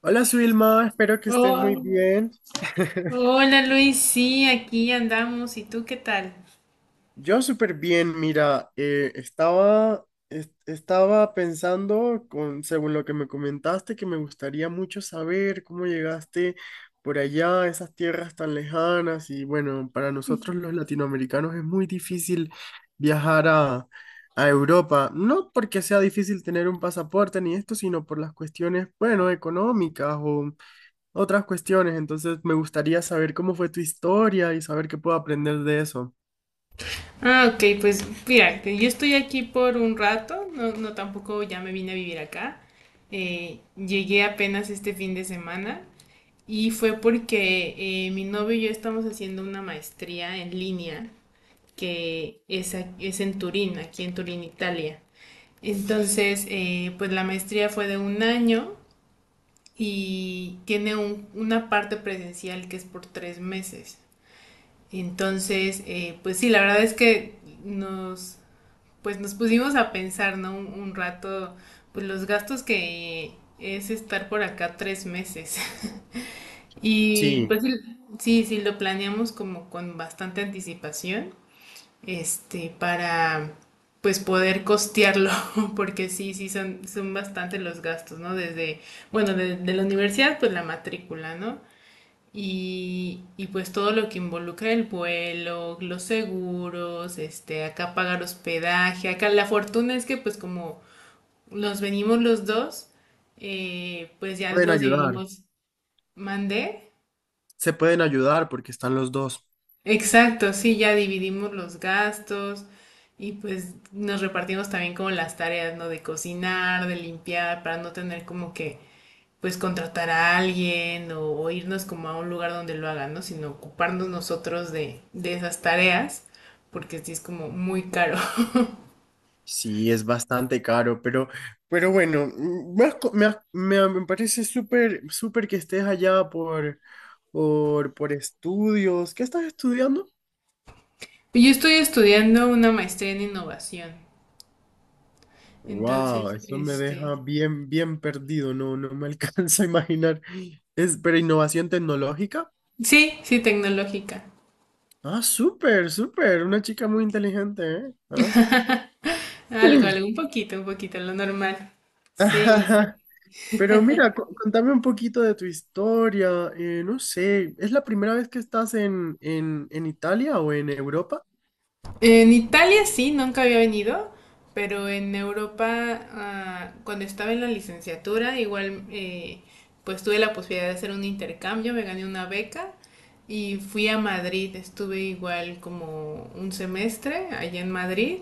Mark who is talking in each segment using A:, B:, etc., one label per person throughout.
A: Hola, Suilma, espero que estés muy
B: Oh,
A: bien.
B: hola Luis, sí, aquí andamos. ¿Y tú qué tal?
A: Yo súper bien, mira, estaba pensando, con, según lo que me comentaste, que me gustaría mucho saber cómo llegaste por allá a esas tierras tan lejanas y bueno, para nosotros los latinoamericanos es muy difícil viajar a Europa, no porque sea difícil tener un pasaporte ni esto, sino por las cuestiones, bueno, económicas otras cuestiones, entonces me gustaría saber cómo fue tu historia y saber qué puedo aprender de eso.
B: Ah, ok, pues mira, que yo estoy aquí por un rato, no, no tampoco ya me vine a vivir acá. Llegué apenas este fin de semana y fue porque mi novio y yo estamos haciendo una maestría en línea que es, es en Turín, aquí en Turín, Italia. Entonces, pues la maestría fue de un año y tiene una parte presencial que es por 3 meses. Entonces, pues sí, la verdad es que nos, pues nos pusimos a pensar, ¿no? Un rato, pues los gastos que es estar por acá 3 meses. Y
A: Sí,
B: pues sí, sí, sí, lo planeamos como con bastante anticipación, este, para pues poder costearlo, porque sí, sí son bastante los gastos, ¿no? Desde, bueno, de la universidad, pues la matrícula, ¿no? Y pues todo lo que involucra el vuelo, los seguros, este, acá pagar hospedaje. Acá la fortuna es que pues como nos venimos los dos, pues ya
A: pueden
B: nos
A: ayudar,
B: dividimos, mandé.
A: se pueden ayudar porque están los dos.
B: Exacto, sí, ya dividimos los gastos y pues nos repartimos también como las tareas, ¿no? De cocinar, de limpiar, para no tener como que pues contratar a alguien, o irnos como a un lugar donde lo hagan, ¿no? Sino ocuparnos nosotros de esas tareas, porque sí es como muy caro.
A: Sí, es bastante caro, pero bueno, mm, me, has co- me, has- me- me parece súper, súper que estés allá por estudios. ¿Qué estás estudiando?
B: Yo estoy estudiando una maestría en innovación,
A: Wow,
B: entonces,
A: eso me
B: este,
A: deja bien, bien perdido, no me alcanza a imaginar. Es, pero innovación tecnológica.
B: sí, sí, tecnológica.
A: Ah, súper, súper. Una chica muy inteligente, ¿eh? Ah.
B: Algo, algo, un poquito, lo normal. Sí.
A: Ajá. Pero mira, contame un poquito de tu historia. No sé, ¿es la primera vez que estás en Italia o en Europa?
B: En Italia sí, nunca había venido, pero en Europa, ah, cuando estaba en la licenciatura, igual pues tuve la posibilidad de hacer un intercambio, me gané una beca y fui a Madrid, estuve igual como un semestre allá en Madrid,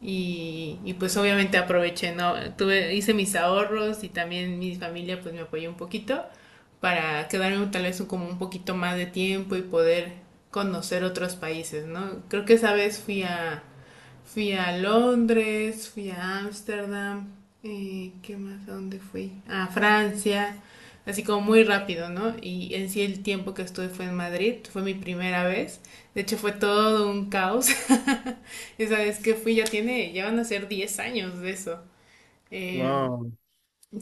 B: y pues obviamente aproveché, ¿no? Tuve, hice mis ahorros y también mi familia pues me apoyó un poquito para quedarme tal vez como un poquito más de tiempo y poder conocer otros países, ¿no? Creo que esa vez fui a Londres, fui a Ámsterdam, ¿qué más? ¿A dónde fui? A Francia, así como muy rápido, ¿no? Y en sí el tiempo que estuve fue en Madrid, fue mi primera vez, de hecho fue todo un caos. Esa vez que fui ya tiene, ya van a ser 10 años de eso. Eh,
A: Wow,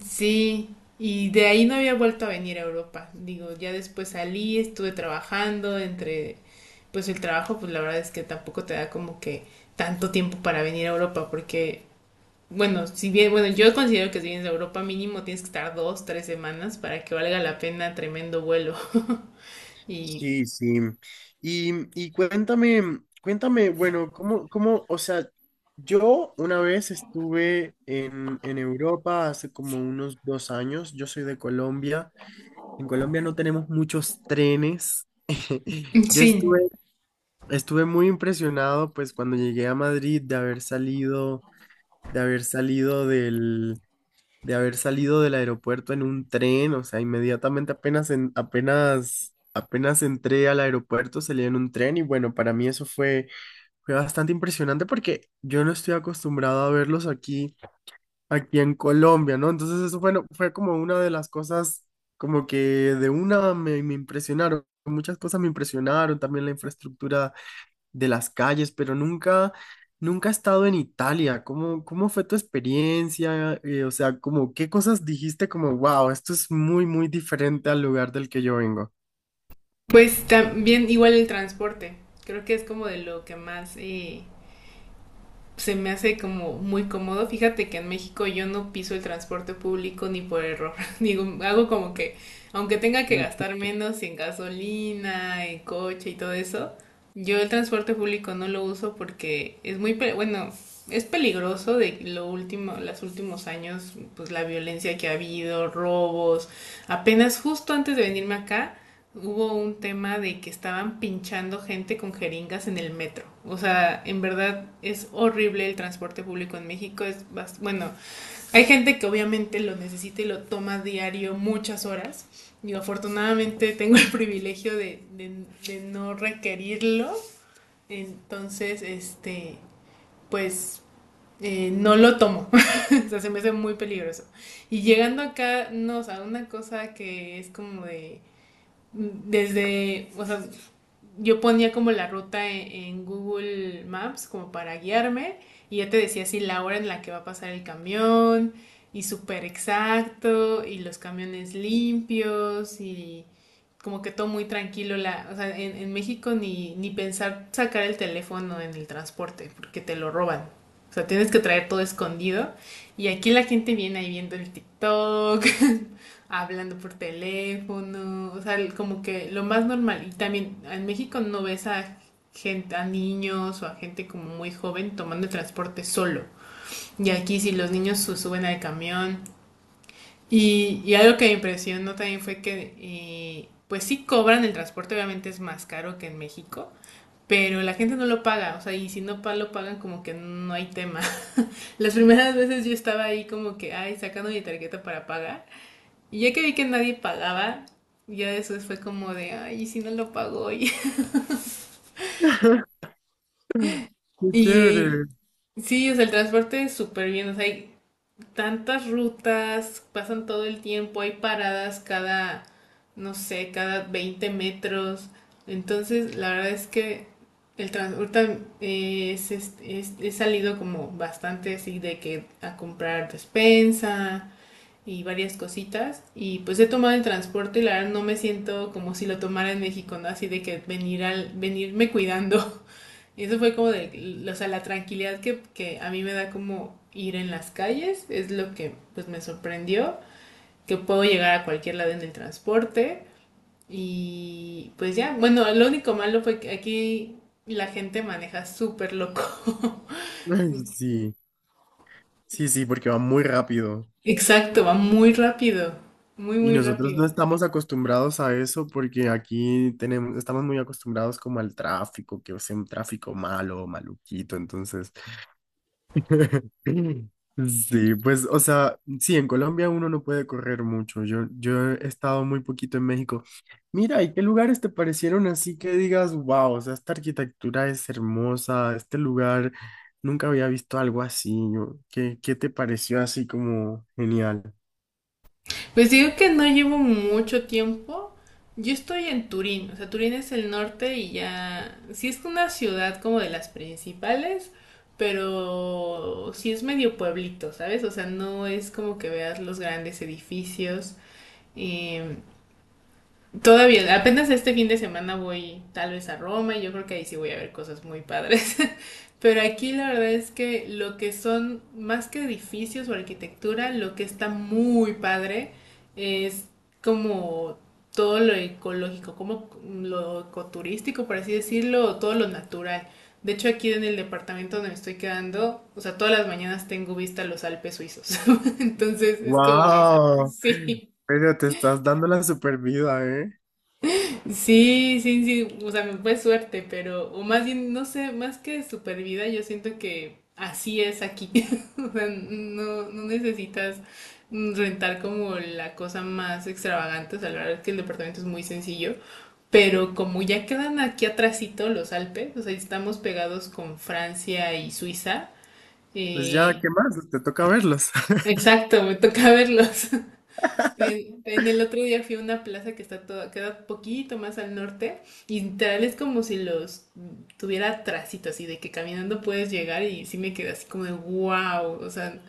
B: sí, y de ahí no había vuelto a venir a Europa. Digo, ya después salí, estuve trabajando pues el trabajo, pues la verdad es que tampoco te da como que tanto tiempo para venir a Europa, porque, bueno, si bien, bueno, yo considero que si vienes a Europa mínimo tienes que estar 2, 3 semanas para que valga la pena tremendo vuelo. Y
A: sí, sí. Y, y cuéntame, cuéntame, bueno, ¿cómo, cómo, o sea, yo una vez estuve en Europa hace como unos dos años, yo soy de Colombia, en Colombia no tenemos muchos trenes, yo
B: sí,
A: estuve estuve muy impresionado, pues, cuando llegué a Madrid de haber salido, de haber salido de haber salido del aeropuerto en un tren, o sea, inmediatamente apenas apenas entré al aeropuerto, salí en un tren y bueno, para mí fue bastante impresionante porque yo no estoy acostumbrado a verlos aquí, aquí en Colombia, ¿no? Entonces fue como una de las cosas, como que de una me impresionaron, muchas cosas me impresionaron, también la infraestructura de las calles, pero nunca, nunca he estado en Italia. ¿Cómo, cómo fue tu experiencia? O sea, como, ¿qué cosas dijiste como, wow, esto es muy, muy diferente al lugar del que yo vengo?
B: pues también igual el transporte. Creo que es como de lo que más se me hace como muy cómodo. Fíjate que en México yo no piso el transporte público ni por error. Digo, hago como que, aunque tenga que
A: Ay,
B: gastar menos en gasolina, en coche y todo eso, yo el transporte público no lo uso porque es muy, bueno, es peligroso de lo último, los últimos años, pues la violencia que ha habido, robos. Apenas justo antes de venirme acá, hubo un tema de que estaban pinchando gente con jeringas en el metro. O sea, en verdad es horrible el transporte público en México. Bueno, hay gente que obviamente lo necesita y lo toma diario muchas horas. Yo afortunadamente tengo el privilegio de no requerirlo. Entonces, este, pues no lo tomo. O sea, se me hace muy peligroso. Y llegando acá, no, o sea, una cosa que es como de desde, o sea, yo ponía como la ruta Google Maps como para guiarme y ya te decía así la hora en la que va a pasar el camión, y súper exacto, y los camiones limpios y como que todo muy tranquilo. O sea, en, México ni pensar sacar el teléfono en el transporte porque te lo roban. O sea, tienes que traer todo escondido. Y aquí la gente viene ahí viendo el TikTok, hablando por teléfono, o sea, como que lo más normal. Y también en México no ves a gente, a niños o a gente como muy joven tomando el transporte solo. Y aquí si los niños suben al camión. Y algo que me impresionó también fue que, pues sí cobran el transporte, obviamente es más caro que en México. Pero la gente no lo paga, o sea, y si no lo pagan, como que no hay tema. Las primeras veces yo estaba ahí como que, ay, sacando mi tarjeta para pagar, y ya que vi que nadie pagaba, ya después fue como de, ay, ¿y si no lo pagó?
A: qué
B: Y,
A: chévere.
B: y sí, o sea, el transporte es súper bien, o sea, hay tantas rutas, pasan todo el tiempo, hay paradas cada, no sé, cada 20 metros. Entonces, la verdad es que el transporte he salido como bastante así de que a comprar despensa y varias cositas. Y pues he tomado el transporte y la verdad no me siento como si lo tomara en México, ¿no? Así de que venir venirme cuidando. Y eso fue como de, o sea, la tranquilidad que a mí me da como ir en las calles, es lo que pues me sorprendió, que puedo llegar a cualquier lado en el transporte. Y pues ya, bueno, lo único malo fue que aquí la gente maneja súper loco.
A: Ay, sí, sí, sí, porque va muy rápido.
B: Exacto, va muy rápido, muy,
A: Y
B: muy
A: nosotros no
B: rápido.
A: estamos acostumbrados a eso porque aquí tenemos, estamos muy acostumbrados como al tráfico, que es un tráfico malo, maluquito, entonces... Sí, pues, o sea, sí, en Colombia uno no puede correr mucho. Yo he estado muy poquito en México. Mira, ¿y qué lugares te parecieron así que digas, wow, o sea, esta arquitectura es hermosa, este lugar, nunca había visto algo así. ¿Qué, qué te pareció así como genial?
B: Pues digo que no llevo mucho tiempo. Yo estoy en Turín, o sea, Turín es el norte y ya, sí es una ciudad como de las principales, pero sí es medio pueblito, ¿sabes? O sea, no es como que veas los grandes edificios. eh, Todavía, apenas este fin de semana voy tal vez a Roma, y yo creo que ahí sí voy a ver cosas muy padres. Pero aquí la verdad es que lo que son más que edificios o arquitectura, lo que está muy padre es como todo lo ecológico, como lo ecoturístico, por así decirlo, o todo lo natural. De hecho, aquí en el departamento donde me estoy quedando, o sea, todas las mañanas tengo vista a los Alpes suizos. Entonces es como de,
A: Wow,
B: sí.
A: pero te estás dando la super vida, ¿eh?
B: Sí, sí, sí, o sea, me fue suerte, pero, o más bien, no sé, más que supervida yo siento que así es aquí. O sea, no, no necesitas rentar como la cosa más extravagante, o sea, la verdad es que el departamento es muy sencillo, pero como ya quedan aquí atrásito los Alpes, o sea, estamos pegados con Francia y Suiza,
A: Pues ya,
B: eh,
A: ¿qué más? Te toca verlos.
B: exacto, me toca verlos. En el otro día fui a una plaza que está toda, queda poquito más al norte, y literal es como si los tuviera tracito, así de que caminando puedes llegar, y sí me quedé así como de wow, o sea,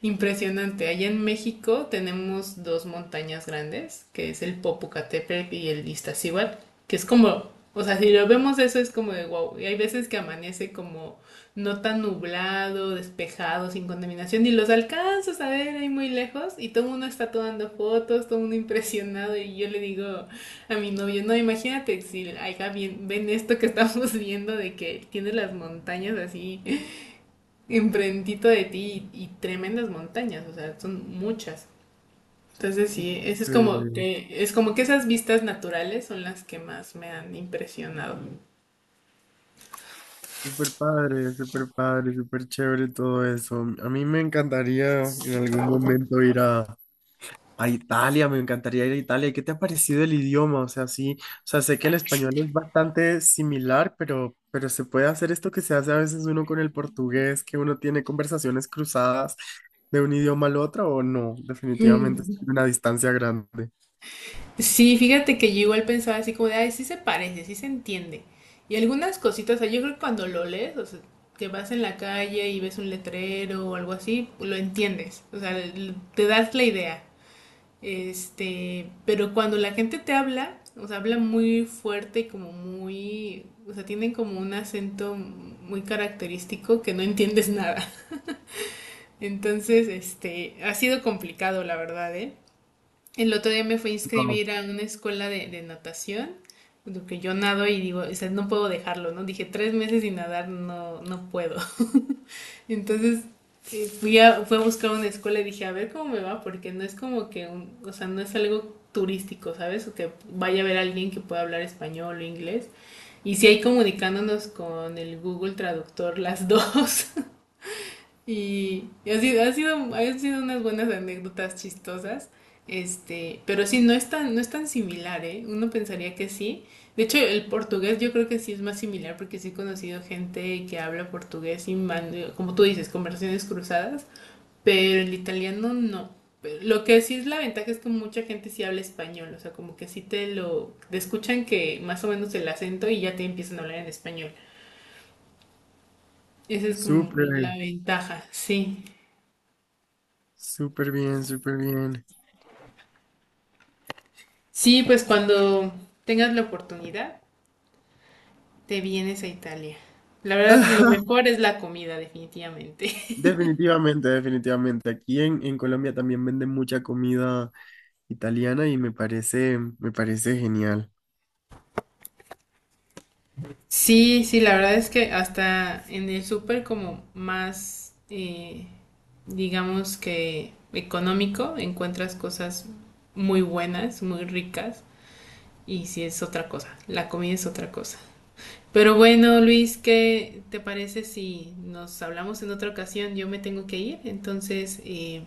B: impresionante. Allá en México tenemos dos montañas grandes, que es el Popocatépetl y el Iztaccíhuatl, que es como, o sea, si lo vemos eso es como de wow. Y hay veces que amanece como no tan nublado, despejado, sin contaminación, y los alcanzas a ver ahí muy lejos, y todo el mundo está tomando fotos, todo el mundo impresionado, y yo le digo a mi novio, no, imagínate si acá bien, ven esto que estamos viendo, de que tiene las montañas así enfrentito de ti, y tremendas montañas, o sea, son muchas. Entonces sí, eso es como que esas vistas naturales son las que más me han impresionado.
A: Súper padre, súper padre, súper chévere todo eso. A mí me encantaría en algún momento ir a Italia, me encantaría ir a Italia. ¿Qué te ha parecido el idioma? O sea, sí, o sea, sé que el español es bastante similar, pero se puede hacer esto que se hace a veces uno con el portugués, que uno tiene conversaciones cruzadas de un idioma al otro, o no, definitivamente es
B: Mm.
A: una distancia grande.
B: Sí, fíjate que yo igual pensaba así como de, ay, sí se parece, sí se entiende. Y algunas cositas, o sea, yo creo que cuando lo lees, o sea, que vas en la calle y ves un letrero o algo así, lo entiendes, o sea, te das la idea. Este, pero cuando la gente te habla, o sea, habla muy fuerte y como muy, o sea, tienen como un acento muy característico que no entiendes nada. Entonces, este, ha sido complicado, la verdad, ¿eh? El otro día me fui a
A: Wow,
B: inscribir a una escuela de natación, porque yo nado, y digo, o sea, no puedo dejarlo, ¿no? Dije, 3 meses sin nadar, no, no puedo. Entonces fui a buscar una escuela, y dije, a ver cómo me va, porque no es como que, un, o sea, no es algo turístico, ¿sabes? O que vaya a ver a alguien que pueda hablar español o inglés. Y si hay comunicándonos con el Google Traductor las dos. Han sido unas buenas anécdotas chistosas, este, pero sí, no es tan similar, ¿eh? Uno pensaría que sí. De hecho, el portugués yo creo que sí es más similar porque sí he conocido gente que habla portugués y, como tú dices, conversaciones cruzadas, pero el italiano no. Pero lo que sí es la ventaja es que mucha gente sí habla español, o sea, como que sí te lo, te escuchan que más o menos el acento y ya te empiezan a hablar en español. Esa es como la
A: súper,
B: ventaja, sí.
A: súper bien, súper bien.
B: Sí, pues cuando tengas la oportunidad, te vienes a Italia. La verdad, lo mejor es la comida, definitivamente.
A: Definitivamente, definitivamente. Aquí en Colombia también venden mucha comida italiana y me parece genial.
B: Sí, sí, la verdad es que hasta en el súper como más, digamos que económico, encuentras cosas muy buenas, muy ricas, y sí es otra cosa, la comida es otra cosa. Pero bueno, Luis, ¿qué te parece si nos hablamos en otra ocasión? Yo me tengo que ir, entonces,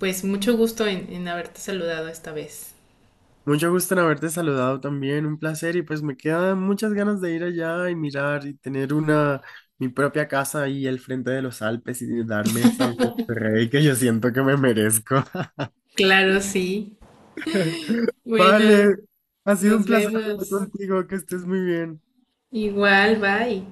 B: pues mucho gusto en, haberte saludado esta vez.
A: Mucho gusto en haberte saludado también, un placer y pues me quedan muchas ganas de ir allá y mirar y tener una, mi propia casa ahí al frente de los Alpes y darme esa vida de rey que yo siento que me merezco.
B: Claro, sí. Bueno,
A: Vale, ha sido un
B: nos
A: placer hablar
B: vemos.
A: contigo, que estés muy bien.
B: Igual, bye.